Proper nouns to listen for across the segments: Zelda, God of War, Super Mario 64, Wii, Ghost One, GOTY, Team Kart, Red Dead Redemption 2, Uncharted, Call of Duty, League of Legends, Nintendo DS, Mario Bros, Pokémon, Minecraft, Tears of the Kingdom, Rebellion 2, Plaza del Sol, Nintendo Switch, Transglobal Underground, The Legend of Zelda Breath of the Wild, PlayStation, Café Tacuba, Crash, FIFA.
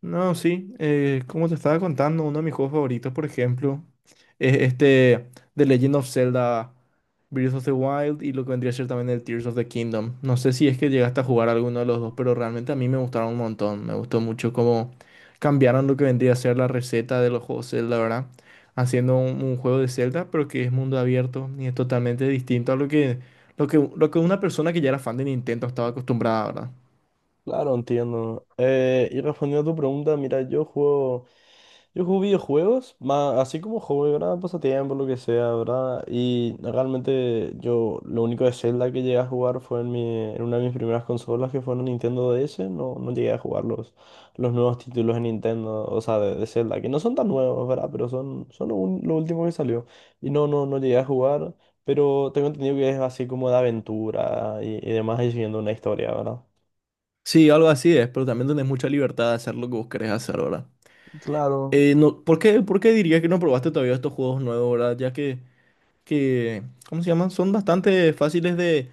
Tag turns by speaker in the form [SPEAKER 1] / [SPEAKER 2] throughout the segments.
[SPEAKER 1] No, sí, como te estaba contando, uno de mis juegos favoritos, por ejemplo, es este The Legend of Zelda Breath of the Wild y lo que vendría a ser también el Tears of the Kingdom. No sé si es que llegaste a jugar alguno de los dos, pero realmente a mí me gustaron un montón. Me gustó mucho cómo cambiaron lo que vendría a ser la receta de los juegos Zelda, ¿verdad? Haciendo un juego de Zelda, pero que es mundo abierto y es totalmente distinto a lo que una persona que ya era fan de Nintendo estaba acostumbrada, ¿verdad?
[SPEAKER 2] Claro, entiendo. Y respondiendo a tu pregunta, mira, yo juego videojuegos, más, así como hobby, ¿verdad? Pasatiempo, lo que sea, ¿verdad? Y realmente yo lo único de Zelda que llegué a jugar fue en una de mis primeras consolas, que fue en Nintendo DS. No, no llegué a jugar los nuevos títulos de Nintendo, o sea, de Zelda, que no son tan nuevos, ¿verdad? Pero son lo último que salió. Y no, no, no llegué a jugar, pero tengo entendido que es así como de aventura y demás, y siguiendo una historia, ¿verdad?
[SPEAKER 1] Sí, algo así es, pero también tenés mucha libertad de hacer lo que vos querés hacer, ¿verdad?
[SPEAKER 2] Claro,
[SPEAKER 1] No, ¿por qué dirías que no probaste todavía estos juegos nuevos, ¿verdad? Ya que, ¿cómo se llaman? Son bastante fáciles de,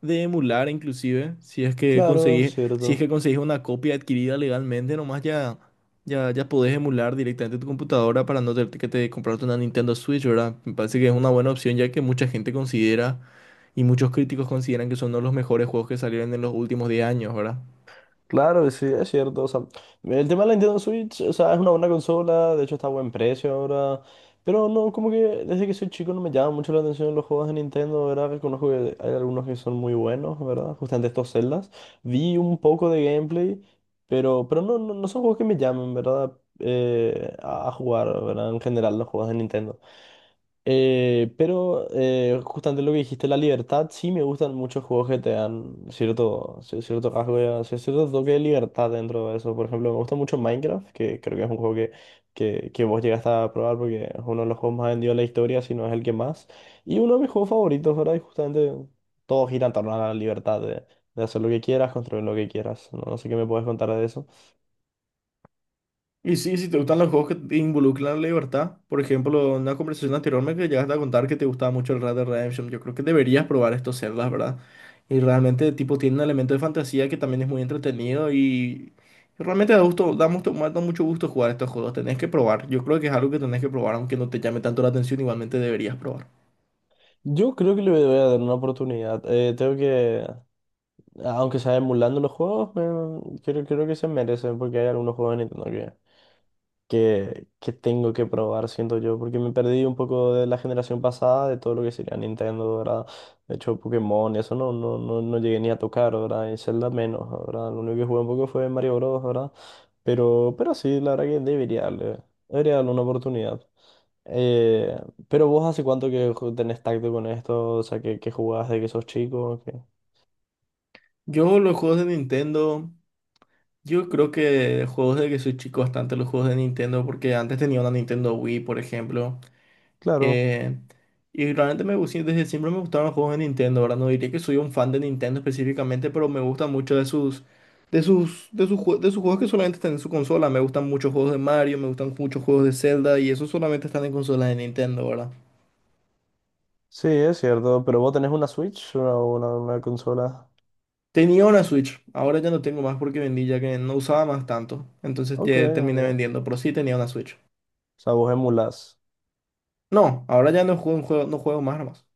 [SPEAKER 1] de emular, inclusive,
[SPEAKER 2] claro, es
[SPEAKER 1] si es que
[SPEAKER 2] cierto.
[SPEAKER 1] conseguís una copia adquirida legalmente, nomás ya, ya, ya podés emular directamente tu computadora para no tener que te comprarte una Nintendo Switch, ¿verdad? Me parece que es una buena opción, ya que mucha gente considera y muchos críticos consideran que son uno de los mejores juegos que salieron en los últimos 10 años, ¿verdad?
[SPEAKER 2] Claro, sí, es cierto. O sea, el tema de la Nintendo Switch, o sea, es una buena consola, de hecho está a buen precio ahora. Pero no, como que desde que soy chico no me llama mucho la atención los juegos de Nintendo, ¿verdad? Reconozco que hay algunos que son muy buenos, ¿verdad? Justamente estos Zeldas. Vi un poco de gameplay, pero, no, no, no son juegos que me llamen, ¿verdad? A jugar, ¿verdad? En general, los juegos de Nintendo. Pero justamente lo que dijiste, la libertad, sí me gustan muchos juegos que te dan cierto rasgo, o sea, cierto toque de libertad dentro de eso. Por ejemplo, me gusta mucho Minecraft, que creo que es un juego que vos llegaste a probar porque es uno de los juegos más vendidos de la historia, si no es el que más. Y uno de mis juegos favoritos, ¿verdad? Y justamente todo gira en torno a la libertad de hacer lo que quieras, construir lo que quieras. No, no sé qué me puedes contar de eso.
[SPEAKER 1] Y sí, si te gustan los juegos que te involucran la libertad, por ejemplo, en una conversación anterior me que llegaste a contar que te gustaba mucho el Red Dead Redemption, yo creo que deberías probar estos celdas, ¿verdad? Y realmente, tipo, tiene un elemento de fantasía que también es muy entretenido y realmente da mucho gusto jugar estos juegos, tenés que probar, yo creo que es algo que tenés que probar, aunque no te llame tanto la atención, igualmente deberías probar.
[SPEAKER 2] Yo creo que le voy a dar una oportunidad. Tengo que Aunque sea emulando los juegos, creo que se merecen, porque hay algunos juegos de Nintendo que tengo que probar, siento yo, porque me perdí un poco de la generación pasada, de todo lo que sería Nintendo, ¿verdad? De hecho, Pokémon, eso no, no, no, no llegué ni a tocar, ¿verdad? Y Zelda menos, ¿verdad? Lo único que jugué un poco fue Mario Bros, ¿verdad? Pero, sí, la verdad que debería darle una oportunidad. Eh, pero vos, ¿hace cuánto que tenés tacto con esto? O sea, que jugás desde que sos chico, que...
[SPEAKER 1] Yo los juegos de Nintendo, yo creo que juegos de que soy chico bastante los juegos de Nintendo, porque antes tenía una Nintendo Wii, por ejemplo.
[SPEAKER 2] Claro.
[SPEAKER 1] Eh, y realmente desde siempre me gustaron los juegos de Nintendo, ¿verdad? No diría que soy un fan de Nintendo específicamente, pero me gusta mucho de sus, de sus juegos que solamente están en su consola. Me gustan muchos juegos de Mario, me gustan muchos juegos de Zelda y esos solamente están en consolas de Nintendo, ¿verdad?
[SPEAKER 2] Sí, es cierto, pero vos tenés una Switch o una consola.
[SPEAKER 1] Tenía una Switch, ahora ya no tengo más porque vendí ya que no usaba más tanto. Entonces
[SPEAKER 2] Ok, ok.
[SPEAKER 1] ya terminé
[SPEAKER 2] O
[SPEAKER 1] vendiendo, pero sí tenía una Switch.
[SPEAKER 2] sea, vos emulás.
[SPEAKER 1] No, ahora ya no juego, no juego más nomás.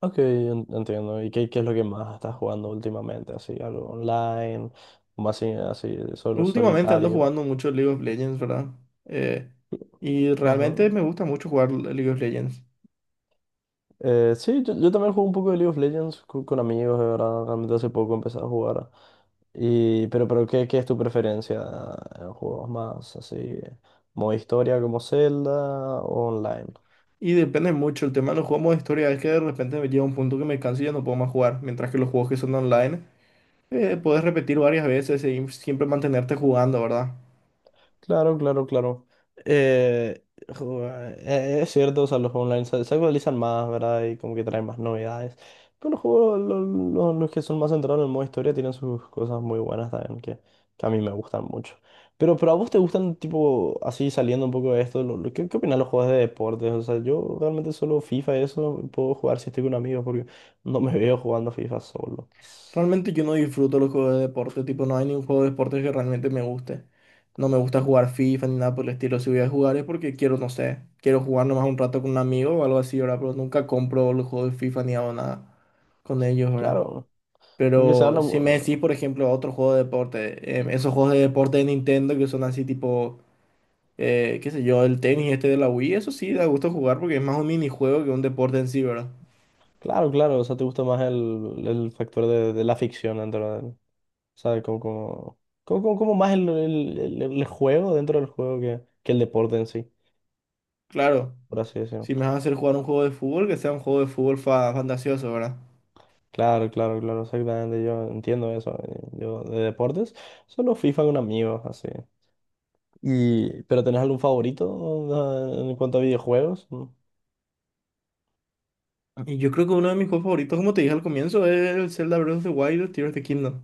[SPEAKER 2] Ok, entiendo. ¿Y qué es lo que más estás jugando últimamente? Así, algo online, o más así, solo,
[SPEAKER 1] Últimamente ando
[SPEAKER 2] solitario.
[SPEAKER 1] jugando mucho League of Legends, ¿verdad? Eh, y realmente
[SPEAKER 2] Ujú.
[SPEAKER 1] me gusta mucho jugar League of Legends.
[SPEAKER 2] Sí, yo también juego un poco de League of Legends con amigos, de verdad. Realmente hace poco empecé a jugar. Y, pero, qué es tu preferencia en juegos más así? ¿Modo historia como Zelda o online?
[SPEAKER 1] Y depende mucho, el tema de los juegos de historia es que de repente me llega un punto que me canso y ya no puedo más jugar. Mientras que los juegos que son online, puedes repetir varias veces y siempre mantenerte jugando, ¿verdad?
[SPEAKER 2] Claro, claro, claro. Eh, jo- es cierto, o sea, los online se actualizan más, ¿verdad? Y como que traen más novedades. Pero los juegos, los que son más centrados en el modo historia, tienen sus cosas muy buenas también, que a mí me gustan mucho. Pero, a vos te gustan, tipo, así, saliendo un poco de esto, qué opinas de los juegos de deportes? O sea, yo realmente solo FIFA, y eso puedo jugar si estoy con amigos, porque no me veo jugando FIFA solo.
[SPEAKER 1] Realmente yo no disfruto los juegos de deporte, tipo, no hay ningún juego de deporte que realmente me guste. No me gusta jugar FIFA ni nada por el estilo. Si voy a jugar es porque quiero, no sé, quiero jugar nomás un rato con un amigo o algo así, ¿verdad? Pero nunca compro los juegos de FIFA ni hago nada con ellos, ¿verdad?
[SPEAKER 2] Claro, porque se
[SPEAKER 1] Pero
[SPEAKER 2] habla.
[SPEAKER 1] si me decís, por ejemplo, otro juego de deporte, esos juegos de deporte de Nintendo que son así tipo, qué sé yo, el tenis este de la Wii, eso sí da gusto jugar porque es más un minijuego que un deporte en sí, ¿verdad?
[SPEAKER 2] Claro, claro, o sea, te gusta más el factor de la ficción dentro del, o sea, como más el juego dentro del juego que el deporte en sí,
[SPEAKER 1] Claro.
[SPEAKER 2] por así decirlo.
[SPEAKER 1] Si me vas a hacer jugar un juego de fútbol, que sea un juego de fútbol fantasioso, ¿verdad?
[SPEAKER 2] Claro, claro, claro, exactamente, yo entiendo eso. Yo, de deportes, solo FIFA con amigos, así. Y ¿pero tenés algún favorito en cuanto a videojuegos?
[SPEAKER 1] Y yo creo que uno de mis juegos favoritos, como te dije al comienzo, es el Zelda Breath of the Wild, el Tears of the Kingdom.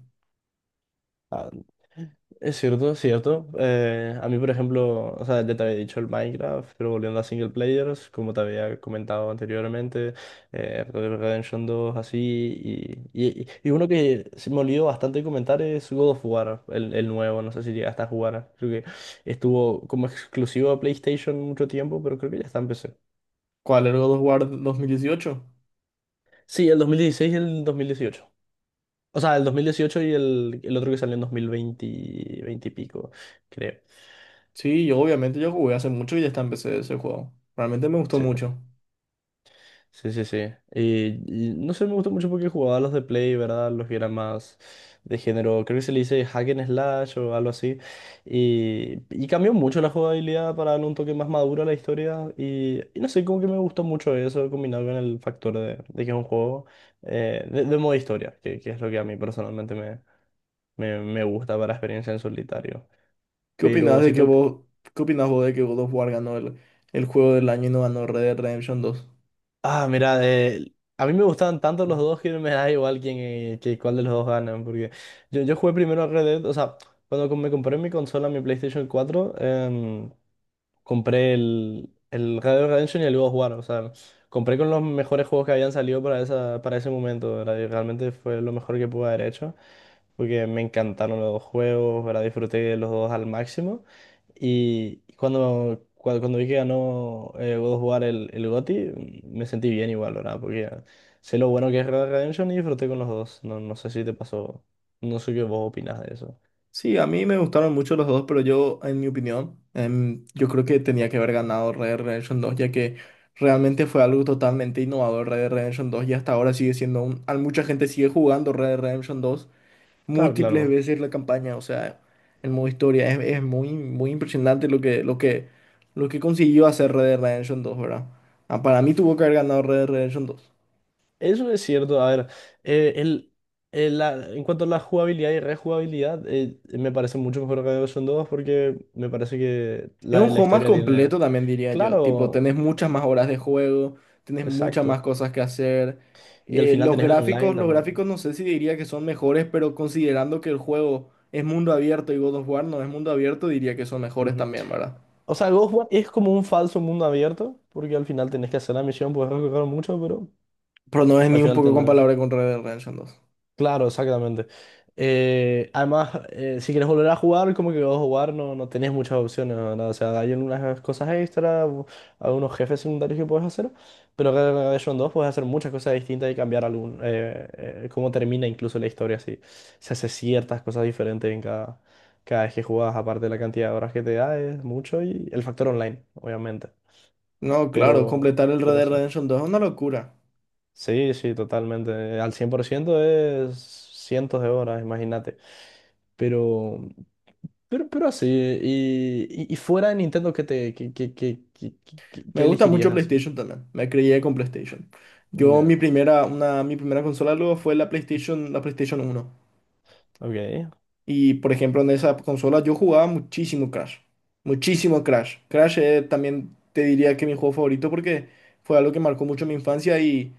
[SPEAKER 2] Ah, es cierto, es cierto. A mí, por ejemplo, o sea, ya te había dicho el Minecraft, pero, volviendo a single players, como te había comentado anteriormente, Red Dead Redemption 2, así, y uno que se me olvidó bastante comentar es God of War, el nuevo. No sé si llegaste a jugar, creo que estuvo como exclusivo a PlayStation mucho tiempo, pero creo que ya está en PC.
[SPEAKER 1] ¿Cuál era el God of War 2018?
[SPEAKER 2] Sí, el 2016 y el 2018. O sea, el 2018 y el otro que salió en 2020 y pico, creo.
[SPEAKER 1] Sí, yo obviamente yo jugué hace mucho y ya está en PC ese juego. Realmente me gustó
[SPEAKER 2] Sí.
[SPEAKER 1] mucho.
[SPEAKER 2] Sí, sí, sí. Y, no sé, me gustó mucho porque jugaba los de Play, ¿verdad? Los que eran más de género, creo que se le dice hack and slash o algo así. Y, cambió mucho la jugabilidad para darle un toque más maduro a la historia. Y, no sé, como que me gustó mucho eso combinado con el factor de que es un juego de modo historia, que es lo que a mí personalmente me gusta para experiencia en solitario.
[SPEAKER 1] ¿Qué opinás
[SPEAKER 2] Pero
[SPEAKER 1] de
[SPEAKER 2] si,
[SPEAKER 1] que
[SPEAKER 2] to-
[SPEAKER 1] vos, qué opinás vos de que God of War ganó el juego del año y no ganó Red Dead Redemption 2?
[SPEAKER 2] Ah, mira, a mí me gustaban tanto los dos que me da igual quién, que cuál de los dos ganan, porque yo jugué primero a Red Dead. O sea, cuando me compré mi consola, mi PlayStation 4, compré el Red Dead Redemption y el God of War. O sea, compré con los mejores juegos que habían salido para ese momento, ¿verdad? Y realmente fue lo mejor que pude haber hecho, porque me encantaron los dos juegos, ¿verdad? Disfruté de los dos al máximo. Y cuando vi que ganó, God of War, el GOTY, me sentí bien igual, ¿verdad? Porque sé lo bueno que es Red Dead Redemption y disfruté con los dos. No, no sé si te pasó, no sé qué vos opinas de eso.
[SPEAKER 1] Sí, a mí me gustaron mucho los dos, pero yo, en mi opinión, yo creo que tenía que haber ganado Red Dead Redemption 2, ya que realmente fue algo totalmente innovador Red Dead Redemption 2, y hasta ahora sigue siendo mucha gente sigue jugando Red Dead Redemption 2
[SPEAKER 2] Claro,
[SPEAKER 1] múltiples
[SPEAKER 2] claro.
[SPEAKER 1] veces la campaña, o sea, el modo historia. Es muy, muy impresionante lo que, lo que consiguió hacer Red Dead Redemption 2, ¿verdad? Ah, para mí tuvo que haber ganado Red Dead Redemption 2.
[SPEAKER 2] Eso es cierto. A ver, eh, el, en cuanto a la jugabilidad y rejugabilidad, me parece mucho mejor, que son 2, porque me parece que
[SPEAKER 1] Es un
[SPEAKER 2] la
[SPEAKER 1] juego más
[SPEAKER 2] historia tiene...
[SPEAKER 1] completo también diría yo. Tipo,
[SPEAKER 2] Claro,
[SPEAKER 1] tenés muchas más horas de juego, tenés muchas más
[SPEAKER 2] exacto.
[SPEAKER 1] cosas que hacer.
[SPEAKER 2] Y al final tenés el online
[SPEAKER 1] Los
[SPEAKER 2] también.
[SPEAKER 1] gráficos no sé si diría que son mejores, pero considerando que el juego es mundo abierto y God of War no es mundo abierto, diría que son mejores
[SPEAKER 2] Ujú.
[SPEAKER 1] también, ¿verdad?
[SPEAKER 2] O sea, Ghost One es como un falso mundo abierto, porque al final tenés que hacer la misión, puedes recorrer mucho, pero
[SPEAKER 1] Pero no es
[SPEAKER 2] al
[SPEAKER 1] ni un
[SPEAKER 2] final
[SPEAKER 1] poco
[SPEAKER 2] tenés...
[SPEAKER 1] comparable con Red Dead Redemption 2.
[SPEAKER 2] Claro, exactamente. Además, si quieres volver a jugar, como que vas a jugar, no, no tenés muchas opciones, ¿verdad? O sea, hay unas cosas extra, algunos jefes secundarios que puedes hacer, pero acá en Rebellion 2 puedes hacer muchas cosas distintas y cambiar cómo termina incluso la historia, así. Se hace ciertas cosas diferentes en cada vez que jugás, aparte de la cantidad de horas que te da, es mucho, y el factor online, obviamente.
[SPEAKER 1] No, claro,
[SPEAKER 2] Pero,
[SPEAKER 1] completar el Red Dead
[SPEAKER 2] sí.
[SPEAKER 1] Redemption 2 es una locura.
[SPEAKER 2] Sí, sí, totalmente. Al 100% es cientos de horas, imagínate. Pero, pero así, y fuera de Nintendo,
[SPEAKER 1] Me
[SPEAKER 2] qué
[SPEAKER 1] gusta
[SPEAKER 2] elegirías
[SPEAKER 1] mucho
[SPEAKER 2] así?
[SPEAKER 1] PlayStation también. Me crié con PlayStation. Yo mi
[SPEAKER 2] Nada.
[SPEAKER 1] primera, una, mi primera consola luego fue la PlayStation 1.
[SPEAKER 2] Ok,
[SPEAKER 1] Y por ejemplo, en esa consola yo jugaba muchísimo Crash. Muchísimo Crash. Crash también te diría que mi juego favorito porque fue algo que marcó mucho mi infancia y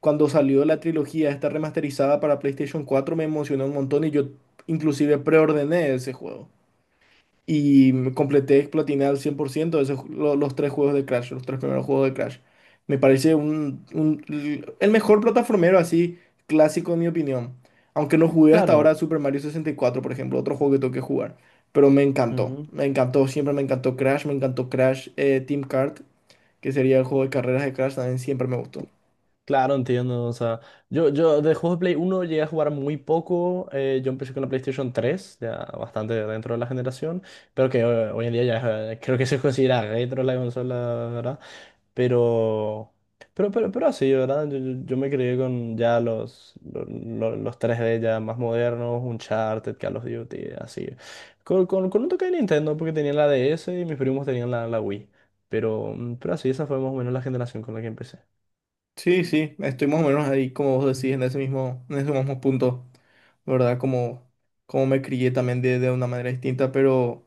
[SPEAKER 1] cuando salió la trilogía esta remasterizada para PlayStation 4 me emocionó un montón y yo inclusive preordené ese juego. Y me completé, platiné al 100% los tres juegos de Crash, los tres primeros juegos de Crash. Me parece el mejor plataformero así clásico en mi opinión. Aunque no jugué hasta ahora
[SPEAKER 2] claro.
[SPEAKER 1] Super Mario 64, por ejemplo, otro juego que tengo que jugar. Pero
[SPEAKER 2] Ujú.
[SPEAKER 1] me encantó, siempre me encantó Crash Team Kart, que sería el juego de carreras de Crash, también siempre me gustó.
[SPEAKER 2] Claro, entiendo. O sea, yo de juegos de Play uno llegué a jugar muy poco. Yo empecé con la PlayStation 3 ya bastante dentro de la generación, pero que hoy en día ya creo que se considera retro la consola, ¿verdad? Pero, pero así, ¿verdad? Yo me crié con ya los, los 3D ya más modernos: Uncharted, Call of Duty, así. Con, con un toque de Nintendo, porque tenía la DS y mis primos tenían la Wii. Pero, pero así, esa fue más o menos la generación con la que empecé.
[SPEAKER 1] Sí, sí, estoy más o menos ahí, como vos decís, en ese mismo punto, ¿verdad? Como me crié también de una manera distinta, pero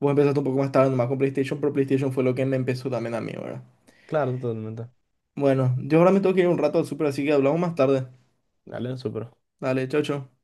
[SPEAKER 1] vos empezaste un poco más tarde nomás con PlayStation, pero PlayStation fue lo que me empezó también a mí, ¿verdad?
[SPEAKER 2] Claro, totalmente.
[SPEAKER 1] Bueno, yo ahora me tengo que ir un rato al súper, así que hablamos más tarde.
[SPEAKER 2] Dale, súper.
[SPEAKER 1] Dale, chao, chao.